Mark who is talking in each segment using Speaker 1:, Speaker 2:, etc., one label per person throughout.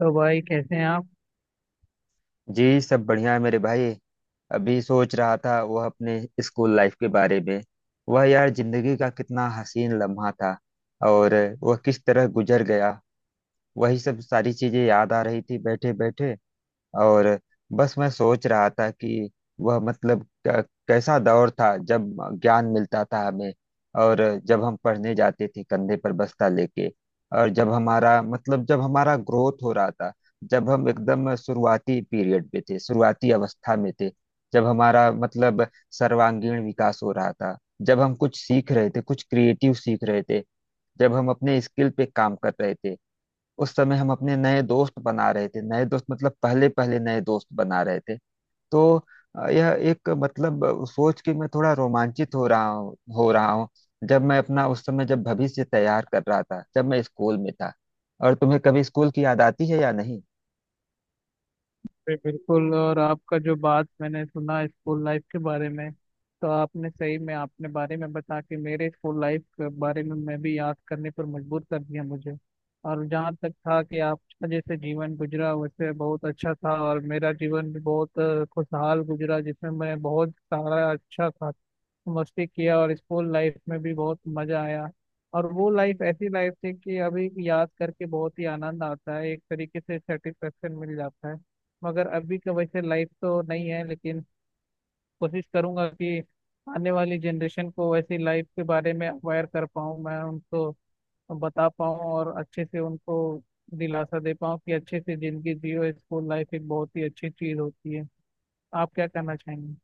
Speaker 1: तो भाई कैसे हैं आप।
Speaker 2: जी सब बढ़िया है मेरे भाई। अभी सोच रहा था वह अपने स्कूल लाइफ के बारे में। वह यार जिंदगी का कितना हसीन लम्हा था, और वह किस तरह गुजर गया। वही सब सारी चीजें याद आ रही थी बैठे बैठे। और बस मैं सोच रहा था कि वह मतलब कैसा दौर था जब ज्ञान मिलता था हमें। और जब हम पढ़ने जाते थे कंधे पर बस्ता लेके। और जब हमारा मतलब जब हमारा ग्रोथ हो रहा था। जब हम एकदम शुरुआती पीरियड पे थे, शुरुआती अवस्था में थे। जब हमारा मतलब सर्वांगीण विकास हो रहा था। जब हम कुछ सीख रहे थे, कुछ क्रिएटिव सीख रहे थे। जब हम अपने स्किल पे काम कर रहे थे। उस समय हम अपने नए दोस्त बना रहे थे, नए दोस्त मतलब पहले पहले नए दोस्त बना रहे थे। तो यह एक मतलब सोच के मैं थोड़ा रोमांचित हो रहा हूँ। जब मैं अपना उस समय जब भविष्य तैयार कर रहा था, जब मैं स्कूल में था। और तुम्हें कभी स्कूल की याद आती है या नहीं?
Speaker 1: बिल्कुल। और आपका जो बात मैंने सुना स्कूल लाइफ के बारे में, तो आपने सही में आपने बारे में बता के मेरे स्कूल लाइफ के बारे में मैं भी याद करने पर मजबूर कर दिया मुझे। और जहाँ तक था कि आपका जैसे जीवन गुजरा वैसे बहुत अच्छा था, और मेरा जीवन भी बहुत खुशहाल गुजरा, जिसमें मैं बहुत सारा अच्छा था। मस्ती किया और स्कूल लाइफ में भी बहुत मजा आया। और वो लाइफ ऐसी लाइफ थी कि अभी याद करके बहुत ही आनंद आता है, एक तरीके से सेटिस्फेक्शन मिल जाता है। मगर अभी का वैसे लाइफ तो नहीं है, लेकिन कोशिश करूंगा कि आने वाली जनरेशन को ऐसी लाइफ के बारे में अवेयर कर पाऊँ, मैं उनको बता पाऊँ और अच्छे से उनको दिलासा दे पाऊँ कि अच्छे से जिंदगी जियो, स्कूल लाइफ एक बहुत ही अच्छी चीज होती है। आप क्या कहना चाहेंगे?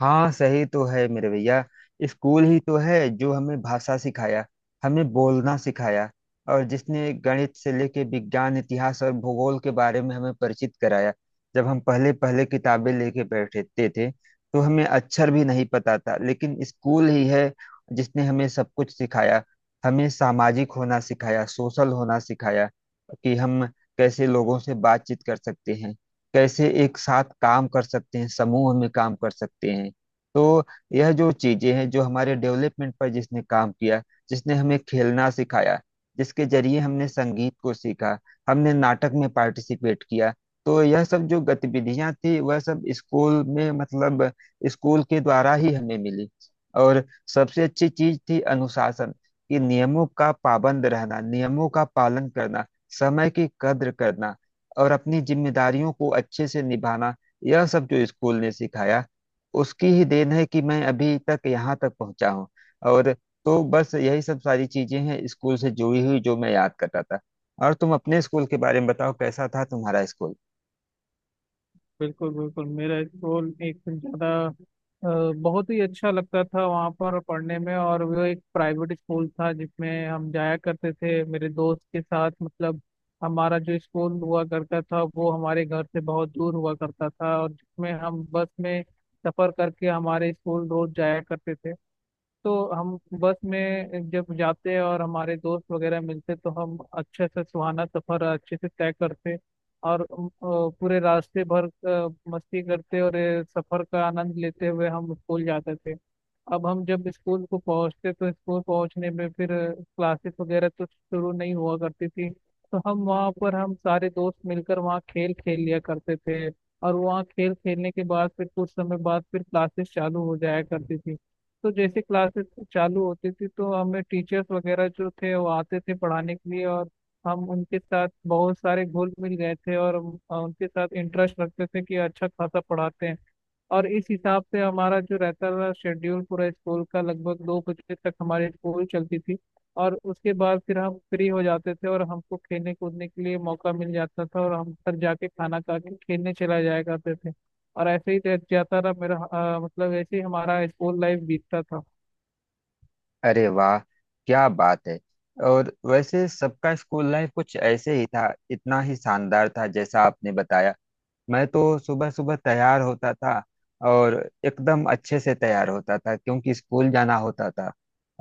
Speaker 2: हाँ सही तो है मेरे भैया। स्कूल ही तो है जो हमें भाषा सिखाया, हमें बोलना सिखाया, और जिसने गणित से लेके विज्ञान, इतिहास और भूगोल के बारे में हमें परिचित कराया। जब हम पहले पहले किताबें लेके बैठते थे तो हमें अक्षर भी नहीं पता था, लेकिन स्कूल ही है जिसने हमें सब कुछ सिखाया। हमें सामाजिक होना सिखाया, सोशल होना सिखाया कि हम कैसे लोगों से बातचीत कर सकते हैं, कैसे एक साथ काम कर सकते हैं, समूह में काम कर सकते हैं। तो यह जो चीजें हैं जो हमारे डेवलपमेंट पर जिसने काम किया, जिसने हमें खेलना सिखाया, जिसके जरिए हमने संगीत को सीखा, हमने नाटक में पार्टिसिपेट किया, तो यह सब जो गतिविधियां थी वह सब स्कूल में मतलब स्कूल के द्वारा ही हमें मिली। और सबसे अच्छी चीज थी अनुशासन, कि नियमों का पाबंद रहना, नियमों का पालन करना, समय की कद्र करना, और अपनी जिम्मेदारियों को अच्छे से निभाना। यह सब जो स्कूल ने सिखाया उसकी ही देन है कि मैं अभी तक यहाँ तक पहुँचा हूँ। और तो बस यही सब सारी चीजें हैं स्कूल से जुड़ी हुई, जो मैं याद कर रहा था। और तुम अपने स्कूल के बारे में बताओ, कैसा था तुम्हारा स्कूल?
Speaker 1: बिल्कुल बिल्कुल। मेरा स्कूल एकदम ज्यादा अ, बहुत ही अच्छा लगता था वहाँ पर पढ़ने में, और वो एक प्राइवेट स्कूल था जिसमें हम जाया करते थे मेरे दोस्त के साथ। मतलब हमारा जो स्कूल हुआ करता था वो हमारे घर से बहुत दूर हुआ करता था, और जिसमें हम बस में सफर करके हमारे स्कूल रोज जाया करते थे। तो हम बस में जब जाते हैं और हमारे दोस्त वगैरह मिलते तो हम अच्छे से सुहाना सफर अच्छे से तय करते। और पूरे रास्ते भर मस्ती करते और सफर का आनंद लेते हुए हम स्कूल जाते थे। अब हम जब स्कूल को पहुंचते तो स्कूल पहुंचने में फिर क्लासेस वगैरह तो शुरू नहीं हुआ करती थी, तो हम वहाँ पर हम सारे दोस्त मिलकर वहाँ खेल खेल लिया करते थे। और वहाँ खेल खेलने के बाद फिर कुछ समय बाद फिर क्लासेस चालू हो जाया करती थी। तो जैसे क्लासेस चालू होती थी तो हमें टीचर्स वगैरह जो थे वो आते थे पढ़ाने के लिए, और हम उनके साथ बहुत सारे घुल मिल गए थे, और उनके साथ इंटरेस्ट रखते थे कि अच्छा खासा पढ़ाते हैं। और इस हिसाब से हमारा जो रहता था शेड्यूल पूरा स्कूल का, लगभग दो बजे तक हमारी स्कूल चलती थी। और उसके बाद फिर हम फ्री हो जाते थे और हमको खेलने कूदने के लिए मौका मिल जाता था और हम घर जाके खाना खा के खेलने चला जाया करते थे। और ऐसे ही रह जाता रहा मेरा, मतलब ऐसे ही हमारा स्कूल लाइफ बीतता था।
Speaker 2: अरे वाह, क्या बात है। और वैसे सबका स्कूल लाइफ कुछ ऐसे ही था, इतना ही शानदार था जैसा आपने बताया। मैं तो सुबह सुबह तैयार होता था, और एकदम अच्छे से तैयार होता था क्योंकि स्कूल जाना होता था।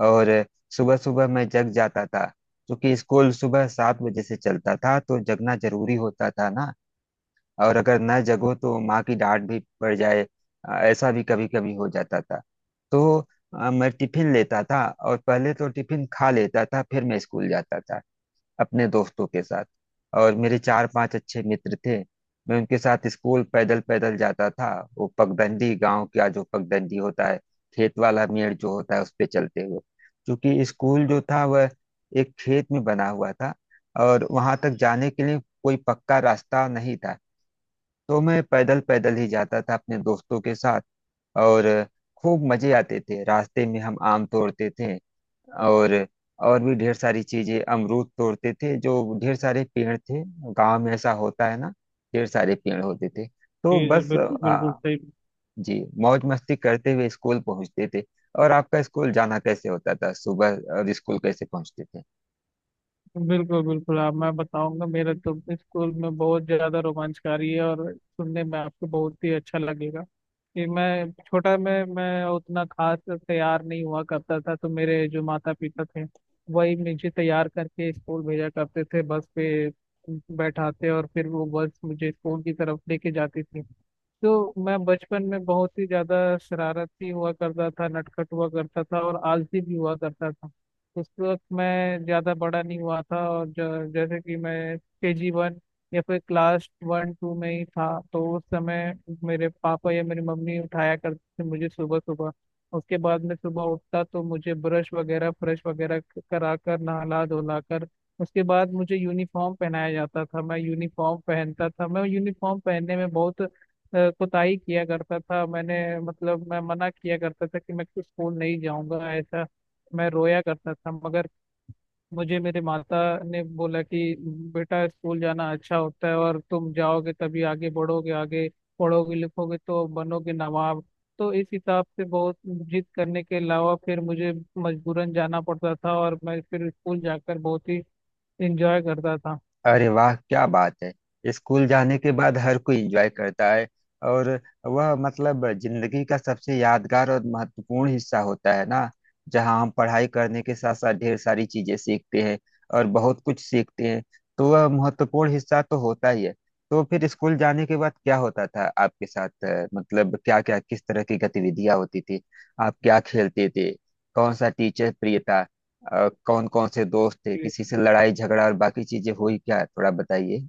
Speaker 2: और सुबह सुबह मैं जग जाता था, क्योंकि स्कूल सुबह 7 बजे से चलता था तो जगना जरूरी होता था ना। और अगर न जगो तो माँ की डांट भी पड़ जाए। ऐसा भी कभी कभी हो जाता था। तो मैं टिफिन लेता था, और पहले तो टिफिन खा लेता था, फिर मैं स्कूल जाता था अपने दोस्तों के साथ। और मेरे चार पांच अच्छे मित्र थे। मैं उनके साथ स्कूल पैदल पैदल जाता था। वो पगडंडी, गांव का जो पगडंडी होता है, खेत वाला मेड़ जो होता है उस पे चलते हुए, क्योंकि स्कूल जो था वह एक खेत में बना हुआ था, और वहां तक जाने के लिए कोई पक्का रास्ता नहीं था। तो मैं पैदल पैदल ही जाता था अपने दोस्तों के साथ। और खूब मजे आते थे, रास्ते में हम आम तोड़ते थे, और और भी ढेर सारी चीजें, अमरूद तोड़ते थे, जो ढेर सारे पेड़ थे। गांव में ऐसा होता है ना, ढेर सारे पेड़ होते थे,
Speaker 1: जी
Speaker 2: तो
Speaker 1: जी,
Speaker 2: बस
Speaker 1: बिल्कुल बिल्कुल
Speaker 2: आ,
Speaker 1: सही।
Speaker 2: जी मौज मस्ती करते हुए स्कूल पहुंचते थे। और आपका स्कूल जाना कैसे होता था सुबह, और स्कूल कैसे पहुंचते थे?
Speaker 1: बिल्कुल बिल्कुल। आप मैं बताऊंगा, मेरे तो स्कूल में बहुत ज्यादा रोमांचकारी है और सुनने में आपको बहुत ही अच्छा लगेगा कि मैं छोटा में मैं उतना खास तैयार नहीं हुआ करता था। तो मेरे जो माता पिता थे वही मुझे तैयार करके स्कूल भेजा करते थे, बस पे बैठाते और फिर वो बस मुझे स्कूल की तरफ लेके जाती थी। तो मैं बचपन में बहुत ही ज्यादा शरारती हुआ करता था, नटखट हुआ करता था और आलसी भी हुआ करता था। उस वक्त मैं ज्यादा बड़ा नहीं हुआ था, और जैसे कि मैं केजी वन या फिर क्लास वन टू में ही था। तो उस समय मेरे पापा या मेरी मम्मी उठाया करते थे मुझे सुबह सुबह। उसके बाद मैं सुबह उठता तो मुझे ब्रश वगैरह फ्रेश वगैरह करा कर, नहला धुला कर, उसके बाद मुझे यूनिफॉर्म पहनाया जाता था। मैं यूनिफॉर्म पहनता था, मैं यूनिफॉर्म पहनने में बहुत कुताही किया करता था मैंने। मतलब मैं मना किया करता था कि मैं तो स्कूल नहीं जाऊंगा ऐसा, मैं रोया करता था। मगर मुझे मेरे माता ने बोला कि बेटा स्कूल जाना अच्छा होता है और तुम जाओगे तभी आगे बढ़ोगे, आगे पढ़ोगे लिखोगे तो बनोगे नवाब। तो इस हिसाब से बहुत जिद करने के अलावा फिर मुझे मजबूरन जाना पड़ता था, और मैं फिर स्कूल जाकर बहुत ही इंजॉय करता था।
Speaker 2: अरे वाह, क्या बात है। स्कूल जाने के बाद हर कोई एंजॉय करता है। और वह मतलब जिंदगी का सबसे यादगार और महत्वपूर्ण हिस्सा होता है ना, जहाँ हम पढ़ाई करने के साथ साथ ढेर सारी चीजें सीखते हैं, और बहुत कुछ सीखते हैं। तो वह महत्वपूर्ण हिस्सा तो होता ही है। तो फिर स्कूल जाने के बाद क्या होता था आपके साथ? मतलब क्या क्या, किस तरह की गतिविधियां होती थी, आप क्या खेलते थे, कौन सा टीचर प्रिय था, कौन कौन से दोस्त थे, किसी से लड़ाई झगड़ा और बाकी चीजें हुई क्या? थोड़ा बताइए।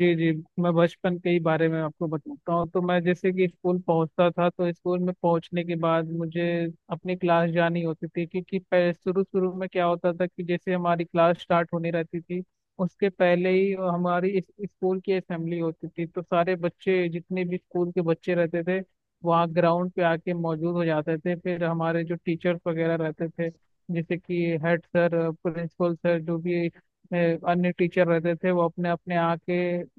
Speaker 1: जी जी। मैं बचपन के ही बारे में आपको बताता हूँ। तो मैं जैसे कि स्कूल पहुंचता था तो स्कूल में पहुंचने के बाद मुझे अपनी क्लास जानी होती थी, क्योंकि शुरू शुरू में क्या होता था कि जैसे हमारी क्लास स्टार्ट होने रहती थी, उसके पहले ही हमारी स्कूल की असेंबली होती थी। तो सारे बच्चे जितने भी स्कूल के बच्चे रहते थे वहाँ ग्राउंड पे आके मौजूद हो जाते थे। फिर हमारे जो टीचर्स वगैरह रहते थे, जैसे कि हेड सर, प्रिंसिपल सर, जो भी अन्य टीचर रहते थे, वो अपने अपने आके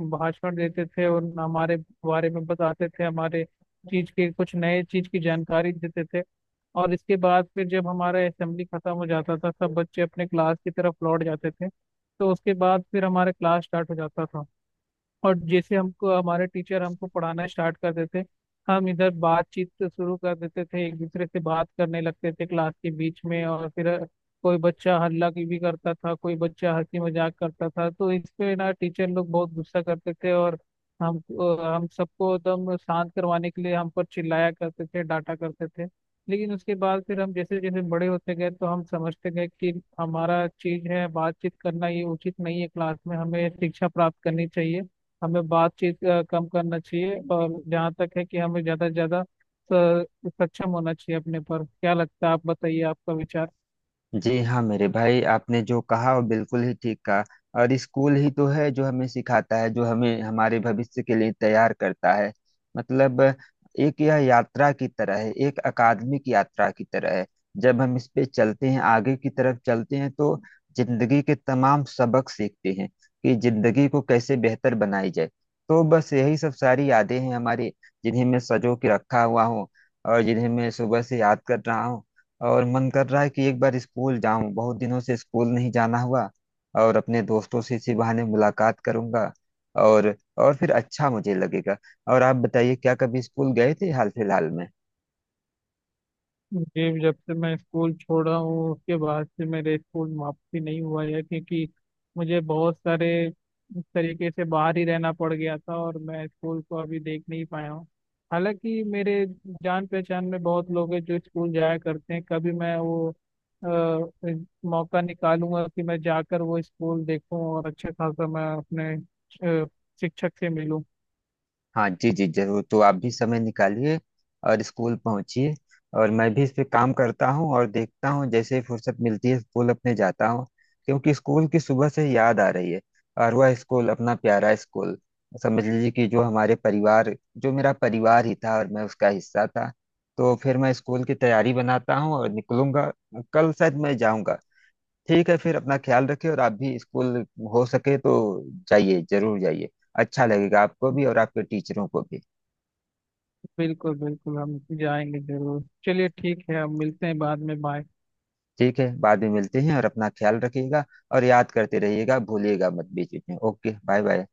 Speaker 1: भाषण देते थे और हमारे बारे में बताते थे, हमारे चीज के कुछ नए चीज की जानकारी देते थे। और इसके बाद फिर जब हमारा असेंबली खत्म हो जाता था सब बच्चे अपने क्लास की तरफ लौट जाते थे। तो उसके बाद फिर हमारा क्लास स्टार्ट हो जाता था। और जैसे हमको हमारे टीचर हमको पढ़ाना स्टार्ट करते थे, हम इधर बातचीत से शुरू कर देते थे, एक दूसरे से बात करने लगते थे क्लास के बीच में। और फिर कोई बच्चा हल्ला की भी करता था, कोई बच्चा हंसी मजाक करता था, तो इस पे ना टीचर लोग बहुत गुस्सा करते थे और हम हम सबको एकदम शांत करवाने के लिए हम पर चिल्लाया करते थे, डांटा करते थे। लेकिन उसके बाद फिर हम जैसे जैसे बड़े होते गए तो हम समझते गए कि हमारा चीज है बातचीत करना, ये उचित नहीं है, क्लास में हमें शिक्षा प्राप्त करनी चाहिए, हमें बातचीत कम करना चाहिए। और जहाँ तक है कि हमें ज़्यादा से ज़्यादा सक्षम होना चाहिए अपने पर। क्या लगता है आप बताइए, आपका विचार?
Speaker 2: जी हाँ मेरे भाई, आपने जो कहा वो बिल्कुल ही ठीक कहा। और स्कूल ही तो है जो हमें सिखाता है, जो हमें हमारे भविष्य के लिए तैयार करता है। मतलब एक यह यात्रा की तरह है, एक अकादमिक यात्रा की तरह है। जब हम इस पे चलते हैं, आगे की तरफ चलते हैं, तो जिंदगी के तमाम सबक सीखते हैं कि जिंदगी को कैसे बेहतर बनाई जाए। तो बस यही सब सारी यादें हैं हमारी, जिन्हें मैं सजो के रखा हुआ हूँ, और जिन्हें मैं सुबह से याद कर रहा हूँ। और मन कर रहा है कि एक बार स्कूल जाऊं, बहुत दिनों से स्कूल नहीं जाना हुआ, और अपने दोस्तों से इसी बहाने मुलाकात करूंगा, और और फिर अच्छा मुझे लगेगा। और आप बताइए, क्या कभी स्कूल गए थे हाल फिलहाल में?
Speaker 1: जी, जब से मैं स्कूल छोड़ा हूँ उसके बाद से मेरे स्कूल में वापसी नहीं हुआ है, क्योंकि मुझे बहुत सारे इस तरीके से बाहर ही रहना पड़ गया था और मैं स्कूल को अभी देख नहीं पाया हूँ। हालांकि मेरे जान पहचान में बहुत लोग हैं जो स्कूल जाया करते हैं। कभी मैं वो अ, मौका निकालूंगा कि मैं जाकर वो स्कूल देखूं और अच्छा खासा मैं अपने अ, शिक्षक से मिलूं।
Speaker 2: हाँ जी जी जरूर, तो आप भी समय निकालिए और स्कूल पहुंचिए। और मैं भी इस पे काम करता हूँ और देखता हूँ, जैसे ही फुर्सत मिलती है स्कूल अपने जाता हूँ, क्योंकि स्कूल की सुबह से याद आ रही है। और वह स्कूल अपना प्यारा स्कूल समझ लीजिए कि जो हमारे परिवार, जो मेरा परिवार ही था और मैं उसका हिस्सा था। तो फिर मैं स्कूल की तैयारी बनाता हूँ और निकलूंगा, कल शायद मैं जाऊँगा। ठीक है, फिर अपना ख्याल रखिए, और आप भी स्कूल, हो सके तो जाइए, जरूर जाइए। अच्छा लगेगा आपको भी और आपके टीचरों को भी।
Speaker 1: बिल्कुल बिल्कुल, हम जाएंगे जरूर। चलिए ठीक है, हम मिलते हैं बाद में। बाय।
Speaker 2: ठीक है, बाद में मिलते हैं, और अपना ख्याल रखिएगा, और याद करते रहिएगा, भूलिएगा मत बीच बीच में। Okay, bye bye.